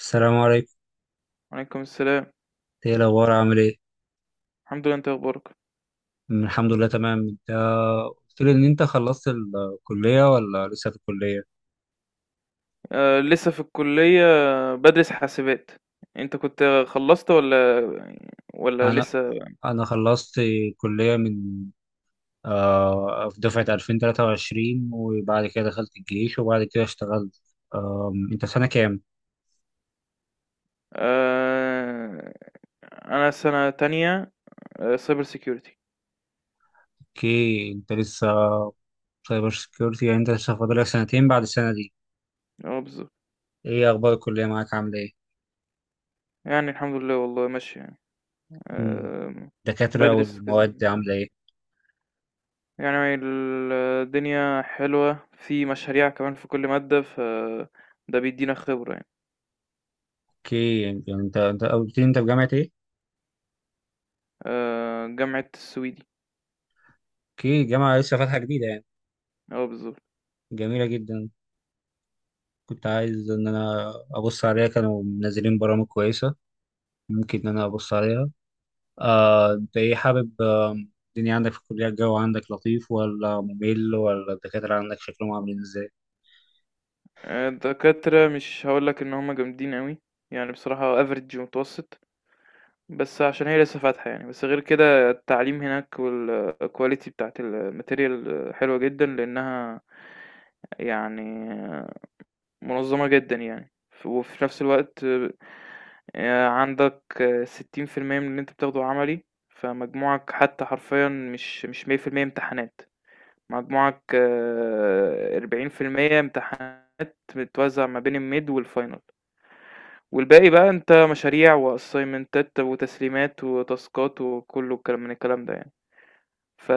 السلام عليكم. وعليكم السلام. ايه الاخبار، عامل ايه؟ الحمد لله، انت اخبارك؟ الحمد لله، تمام، انت؟ قلت لي ان انت خلصت الكليه ولا لسه في الكليه؟ آه، لسه في الكلية، بدرس حاسبات. انت كنت خلصت ولا انا لسه؟ انا خلصت الكليه من آه في دفعه 2023، وبعد كده دخلت الجيش، وبعد كده اشتغلت. انت في سنه كام؟ آه، انا سنة تانية، سايبر سيكيورتي. اوكي، انت لسه سايبر سكيورتي، يعني انت لسه فاضلك سنتين بعد السنه دي؟ اه، بالظبط. ايه اخبار الكليه معاك، عامله ايه؟ يعني الحمد لله، والله ماشي يعني. أمم، آه الدكاتره بدرس والمواد عامله كم- ايه؟ يعني الدنيا حلوة، في مشاريع كمان في كل مادة، ده بيدينا خبرة يعني. اوكي، يعني انت قلت لي انت في جامعه ايه؟ آه، جامعة السويدي. اوكي، جامعة لسه فاتحة جديدة يعني. اه، بالظبط. جميلة جدا. كنت عايز ان انا ابص عليها، كانوا منزلين برامج كويسة. ممكن ان انا ابص عليها. انت ايه حابب الدنيا عندك في الكلية، الجو عندك لطيف ولا ممل، ولا الدكاترة عندك شكلهم عاملين ازاي؟ الدكاترة مش هقولك ان هما جامدين قوي، يعني بصراحة افريج ومتوسط. بس عشان هي لسه فاتحة يعني، بس غير كده التعليم هناك والكواليتي بتاعت الماتيريال حلوة جدا، لانها يعني منظمة جدا يعني. وفي نفس الوقت عندك 60% من اللي انت بتاخده عملي، فمجموعك حتى حرفيا مش 100% امتحانات. مجموعك 40% امتحانات، متوزع ما بين الميد والفاينل. والباقي بقى انت مشاريع واسايمنتات وتسليمات وتاسكات، وكله الكلام من الكلام ده يعني. ف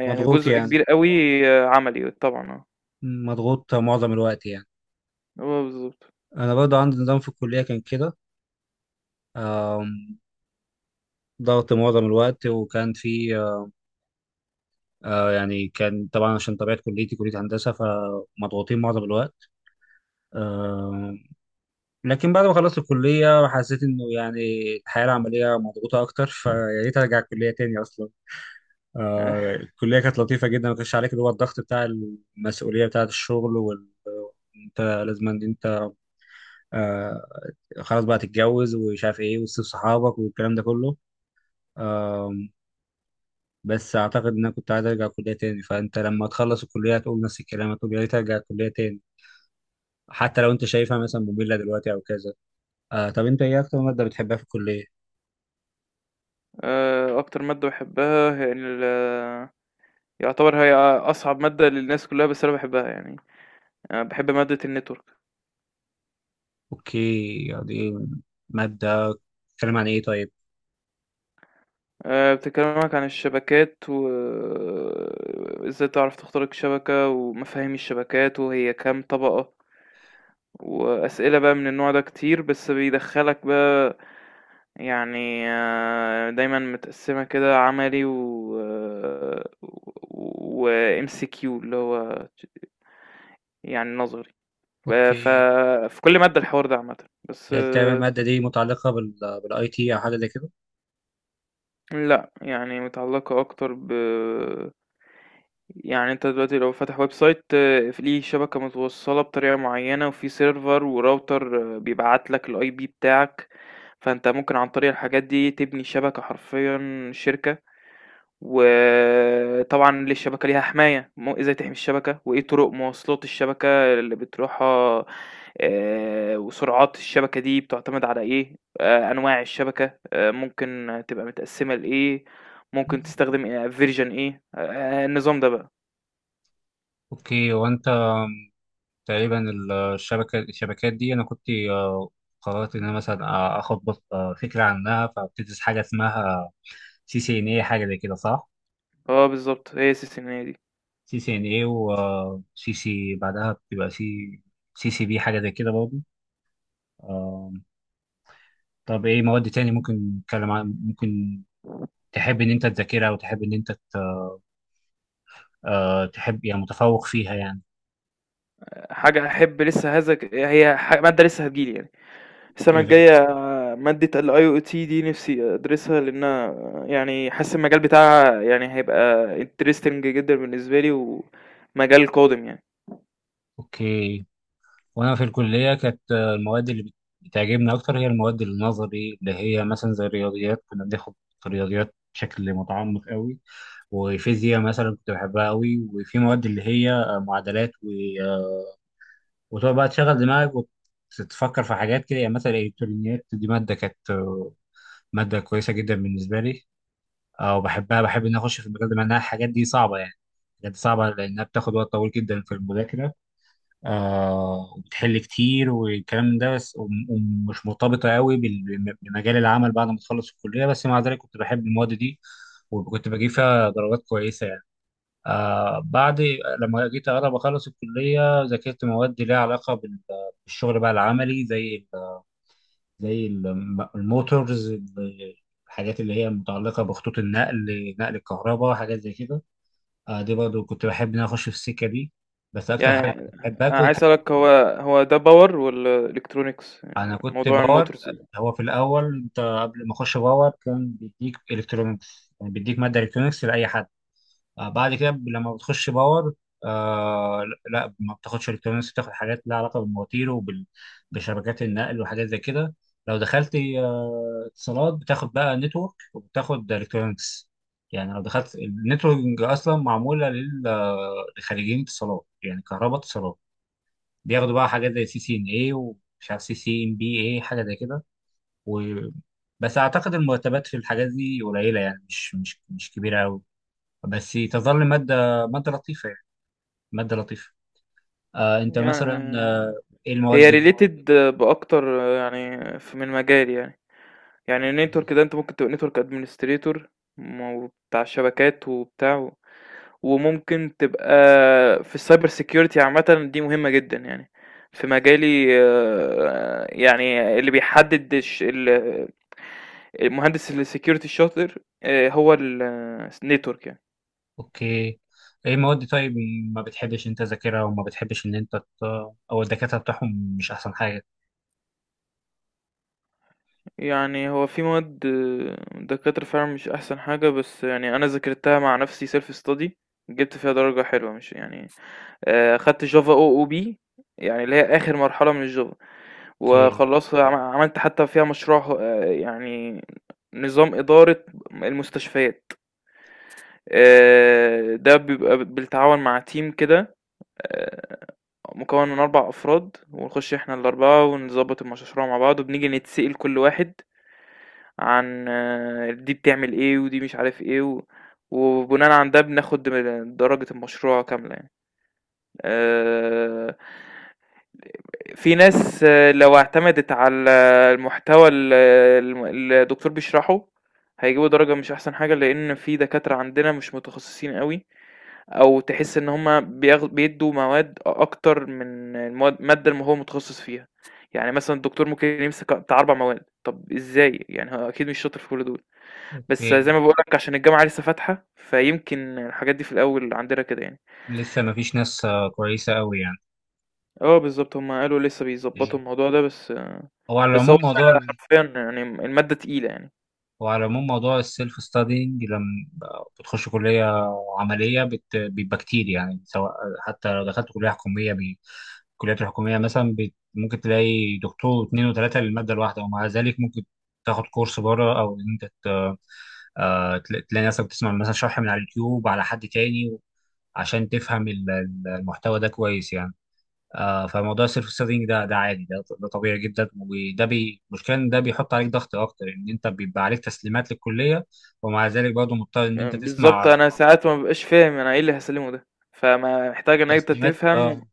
يعني مضغوط جزء يعني؟ كبير قوي عملي، طبعا اه. مضغوط معظم الوقت يعني؟ هو بالظبط. انا برضه عندي نظام في الكلية كان كده. آم، ضغط معظم الوقت، وكان في يعني كان طبعا عشان طبيعة كليتي كلية هندسة، فمضغوطين معظم الوقت. لكن بعد ما خلصت الكلية حسيت إنه يعني الحياة العملية مضغوطة أكتر، فيا ريت أرجع الكلية تاني أصلا. الكلية كانت لطيفة جدا، ما كانش عليك اللي هو الضغط بتاع المسؤولية بتاعة الشغل وال أنت لازم إن أنت آه خلاص بقى تتجوز ومش عارف إيه وتسيب صحابك والكلام ده كله. آه بس أعتقد إن أنا كنت عايز أرجع الكلية تاني، فأنت لما تخلص الكلية هتقول نفس الكلام، هتقول يا ريت أرجع الكلية تاني، حتى لو أنت شايفها مثلا مملة دلوقتي أو كذا. طب أنت إيه أكتر مادة بتحبها في الكلية؟ اكتر ماده بحبها هي يعتبر هي اصعب ماده للناس كلها، بس انا بحبها يعني. أنا بحب ماده النتورك. اوكي، دي مادة بتتكلم عن ايه طيب؟ بتكلمك عن الشبكات وازاي تعرف تخترق شبكه، ومفاهيم الشبكات وهي كام طبقه. وأسئلة بقى من النوع ده كتير، بس بيدخّلك بقى يعني، دايمًا متقسّمة كده، عملي وMCQ اللي هو يعني نظري. ف اوكي، في كل مادة الحوار ده عامةً، بس تقريبا المادة دي متعلقة بالاي تي او حاجة زي كده؟ لأ يعني متعلّقة أكتر يعني انت دلوقتي لو فاتح ويب سايت في ليه شبكة متوصلة بطريقة معينة، وفي سيرفر وراوتر بيبعت لك الاي بي بتاعك. فانت ممكن عن طريق الحاجات دي تبني شبكة حرفيا شركة. وطبعا للشبكة ليها حماية، ازاي تحمي الشبكة، وايه طرق مواصلات الشبكة اللي بتروحها. وسرعات الشبكة دي بتعتمد على ايه، انواع الشبكة ممكن تبقى متقسمة لايه، ممكن تستخدم فيرجن ايه، النظام ده بقى. اوكي، وانت تقريبا ال- الشبكة الشبكات دي انا كنت قررت ان انا مثلا اخد فكرة عنها، فبتدرس حاجة اسمها سي سي ان اي، حاجة زي كده، صح؟ آه بالضبط، هي السيستمية دي. سي سي ان اي، وسي سي بعدها بتبقى سي سي سي بي، حاجة زي كده برضه. آم، طب ايه مواد تاني ممكن نتكلم عن، ممكن تحب ان انت تذاكرها، وتحب ان انت تحب يعني متفوق فيها يعني؟ حاجة هاحب لسه هذا ك هي ح مادة لسه هتيجي لي يعني. السنة ايه ده؟ الجاية مادة الIoT دي نفسي أدرسها، لأنها يعني حاسس المجال بتاعها يعني هيبقى interesting جدًا بالنسبة لي، ومجال قادم يعني. اوكي، وانا في الكليه كانت المواد اللي بتعجبني اكتر هي المواد النظري، اللي هي مثلا زي الرياضيات. كنا بناخد رياضيات بشكل متعمق قوي، وفيزياء مثلا كنت بحبها قوي. وفي مواد اللي هي معادلات و... آه، وتقعد بقى تشغل دماغك وتتفكر في حاجات كده، يعني مثلا الالكترونيات دي ماده كانت ماده كويسه جدا بالنسبه لي. وبحبها، بحب ان أنا اخش في المجال ده، مع انها الحاجات دي صعبه يعني. حاجات صعبه لانها بتاخد وقت طويل جدا في المذاكره. وبتحل كتير والكلام ده. بس ومش مرتبطة قوي بمجال العمل بعد ما تخلص الكلية. بس مع ذلك كنت بحب المواد دي، وكنت بجيب فيها درجات كويسة يعني. بعد لما جيت أقرب أخلص الكلية، ذاكرت مواد ليها علاقة بالشغل بقى العملي، زي الموتورز، الحاجات اللي هي متعلقة بخطوط النقل، نقل الكهرباء، حاجات زي كده. دي برضه كنت بحب إن أنا أخش في السكة دي. بس أكتر حاجة يعني كنت بحبها، أنا عايز أسألك، هو ده power والّا electronics؟ انا كنت موضوع باور. المotors؟ هو في الاول، انت قبل ما اخش باور، كان بيديك الكترونكس، يعني بيديك ماده الكترونكس لاي حد. بعد كده لما بتخش باور آه لا، ما بتاخدش الكترونكس، بتاخد حاجات لها علاقه بالمواتير وبشبكات النقل وحاجات زي كده. لو دخلت اتصالات، بتاخد بقى نتورك وبتاخد الكترونكس. يعني لو دخلت النتورك اصلا، معموله لخريجين اتصالات، يعني كهرباء اتصالات، بياخدوا بقى حاجات زي سي سي ان اي، ومش عارف سي سي ان بي اي حاجه زي كده و... بس اعتقد المرتبات في الحاجات دي قليله يعني، مش كبيره قوي، بس تظل ماده لطيفه يعني. ماده لطيفه. انت مثلا يعني ايه المواد هي اللي related بأكتر، يعني من مجالي يعني. يعني نتورك ده انت ممكن تبقى نتورك ادمنستريتور، بتاع الشبكات وبتاع وممكن تبقى في السايبر سيكيورتي عامة، دي مهمة جدا يعني في مجالي. يعني اللي بيحدد المهندس السكيورتي الشاطر هو النتورك يعني. اوكي، ايه مواد طيب ما بتحبش انت تذاكرها، وما بتحبش ان انت او الدكاتره بتاعهم مش احسن حاجه؟ يعني هو في مواد دكاترة فعلا مش احسن حاجة، بس يعني انا ذاكرتها مع نفسي سيلف ستادي، جبت فيها درجة حلوة مش يعني. خدت Java OOP، يعني اللي هي آخر مرحلة من الJava. اوكي. وخلّصت عملت حتى فيها مشروع، يعني نظام إدارة المستشفيات. ده بيبقى بالتعاون مع team كده. آآ مكوّن من 4 أفراد، ونخش إحنا ال4 ونضبّط المشروع مع بعض، وبنيجي نتسأل كل واحد عن دي بتعمل إيه، ودي مش عارف إيه، و وبناءً عن ده بناخد درجة المشروع كاملة يعني. آآ في ناس، لو اعتمدت على المحتوى ال الم اللي الدكتور بيشرحه، هيجيبوا درجة مش أحسن حاجة، لإن في دكاترة عندنا مش متخصصين أوي. أو تحس إن هُم بيدّوا مواد أكتر من المادة اللي هو متخصص فيها. يعني مثلًا الدكتور ممكن يمسك بتاع 4 مواد، طب إزاي؟ يعني هو أكيد مش شاطر في كل دول. بس اوكي، زي ما باقول لك، عشان الجامعة لسه فاتحة، فيمكن الحاجات دي في الأول عندنا كده يعني. لسه ما فيش ناس كويسه قوي يعني. آه بالضبط، هُم قالوا لسه بيضبّطوا أوكي. الموضوع ده. بس آه، هو على بس العموم موضوع. حرفيًا يعني المادة تقيلة يعني. وعلى العموم موضوع السيلف ستادينج لما بتخش كلية عملية، بيبقى كتير يعني. سواء حتى لو دخلت كلية حكومية، الكليات الحكومية مثلا ممكن تلاقي دكتور واثنين وثلاثة للمادة الواحدة، ومع ذلك ممكن تاخد كورس بره، أو إن أنت تلاقي نفسك بتسمع مثلا شرح من على اليوتيوب على حد تاني، عشان تفهم المحتوى ده كويس يعني. فموضوع السيلف سيرفنج ده عادي، ده طبيعي جدا. وده المشكله ان ده بيحط عليك ضغط اكتر، ان انت بيبقى عليك تسليمات للكليه، ومع ذلك برضه مضطر ان انت بالضبط، تسمع. أنا ساعات ما بابقاش فاهم أنا إيه اللي هاسلّمه ده، فمحتاج إن أنت تسليمات تفهم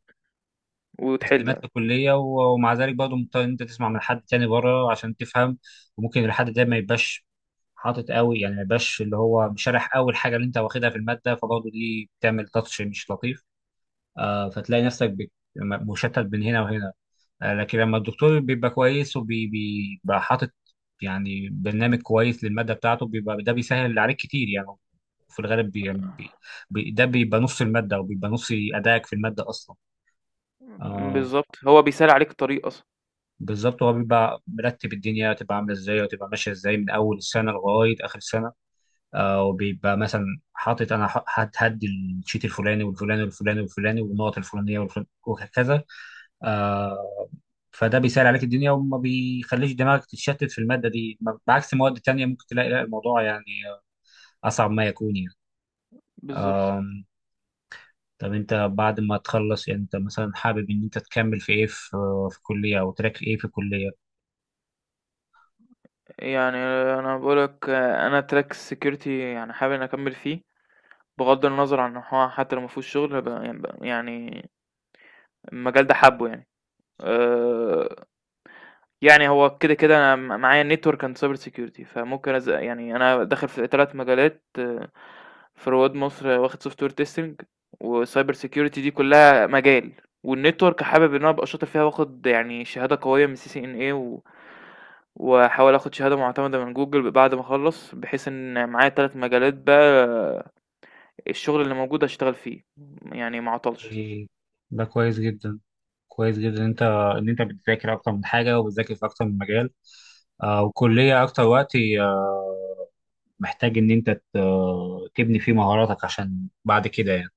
تسليمات وتحل. للكليه، ومع ذلك برضه مضطر ان انت تسمع من حد تاني بره عشان تفهم. وممكن الحد ده ما يبقاش حاطط قوي، يعني ما يبقاش اللي هو مشارح قوي الحاجه اللي انت واخدها في الماده، فبرضه دي بتعمل تاتش مش لطيف. فتلاقي نفسك مشتت بين هنا وهنا. لكن لما الدكتور بيبقى كويس، وبيبقى حاطط يعني برنامج كويس للمادة بتاعته، بيبقى ده بيسهل عليك كتير يعني. في الغالب بي بي بي ده بيبقى نص المادة، وبيبقى نص أدائك في المادة أصلا. آه بالضبط، هو بيسهّل عليك الطريق أصلًا. بالظبط، هو بيبقى مرتب الدنيا تبقى عاملة إزاي وتبقى ماشية إزاي، من أول السنة لغاية آخر السنة. وبيبقى مثلا حاطط أنا هدي الشيت الفلاني والفلاني والفلاني والفلاني، والنقط الفلانية والفلانية وهكذا. آه، فده بيسهل عليك الدنيا وما بيخليش دماغك تتشتت في المادة دي، بعكس مواد تانية ممكن تلاقي لا، الموضوع يعني أصعب ما يكون يعني. بالضبط، أم، طب أنت بعد ما تخلص يعني، أنت مثلا حابب إن أنت تكمل في إيه، في الكلية، أو تراك إيه في الكلية؟ يعني أنا باقول لك أنا track security، يعني حابب إني أكمّل فيه، بغض النظر عن إن هو حتى لو ما فيهوش شغل، يعني يعني المجال ده حابّه يعني. آآ، يعني هو كده، كده أنا معايا network and cyber security، فممكن يعني أنا داخل في 3 مجالات. في رواد مصر واخد سوفت وير تيستنج وسايبر سيكيورتي، دي كلها مجال. والنتورك حابب ان انا ابقى شاطر فيها، واخد يعني شهاده قويه من سي سي ان اي واحاول اخد شهاده معتمده من جوجل بعد ما اخلص، بحيث ان معايا 3 مجالات، بقى الشغل اللي موجود اشتغل فيه يعني ما اعطلش. إيه، ده كويس جدا. كويس جدا إن أنت بتذاكر أكتر من حاجة، وبتذاكر في أكتر من مجال. وكلية أكتر وقت محتاج إن أنت تبني فيه مهاراتك عشان بعد كده يعني.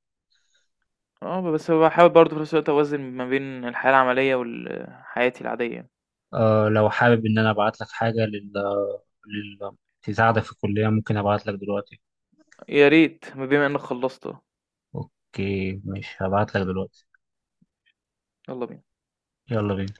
اه، بس بحاول برضه في نفس الوقت اوازن ما بين الحياه العمليه وحياتي العاديه. لو حابب إن أنا أبعت لك حاجة لل... تساعدك في الكلية، ممكن أبعت لك دلوقتي؟ يا ريت، ما بما انك خلصت. أوكي، مش هبعت لك دلوقتي. يلا بينا. يلا بينا.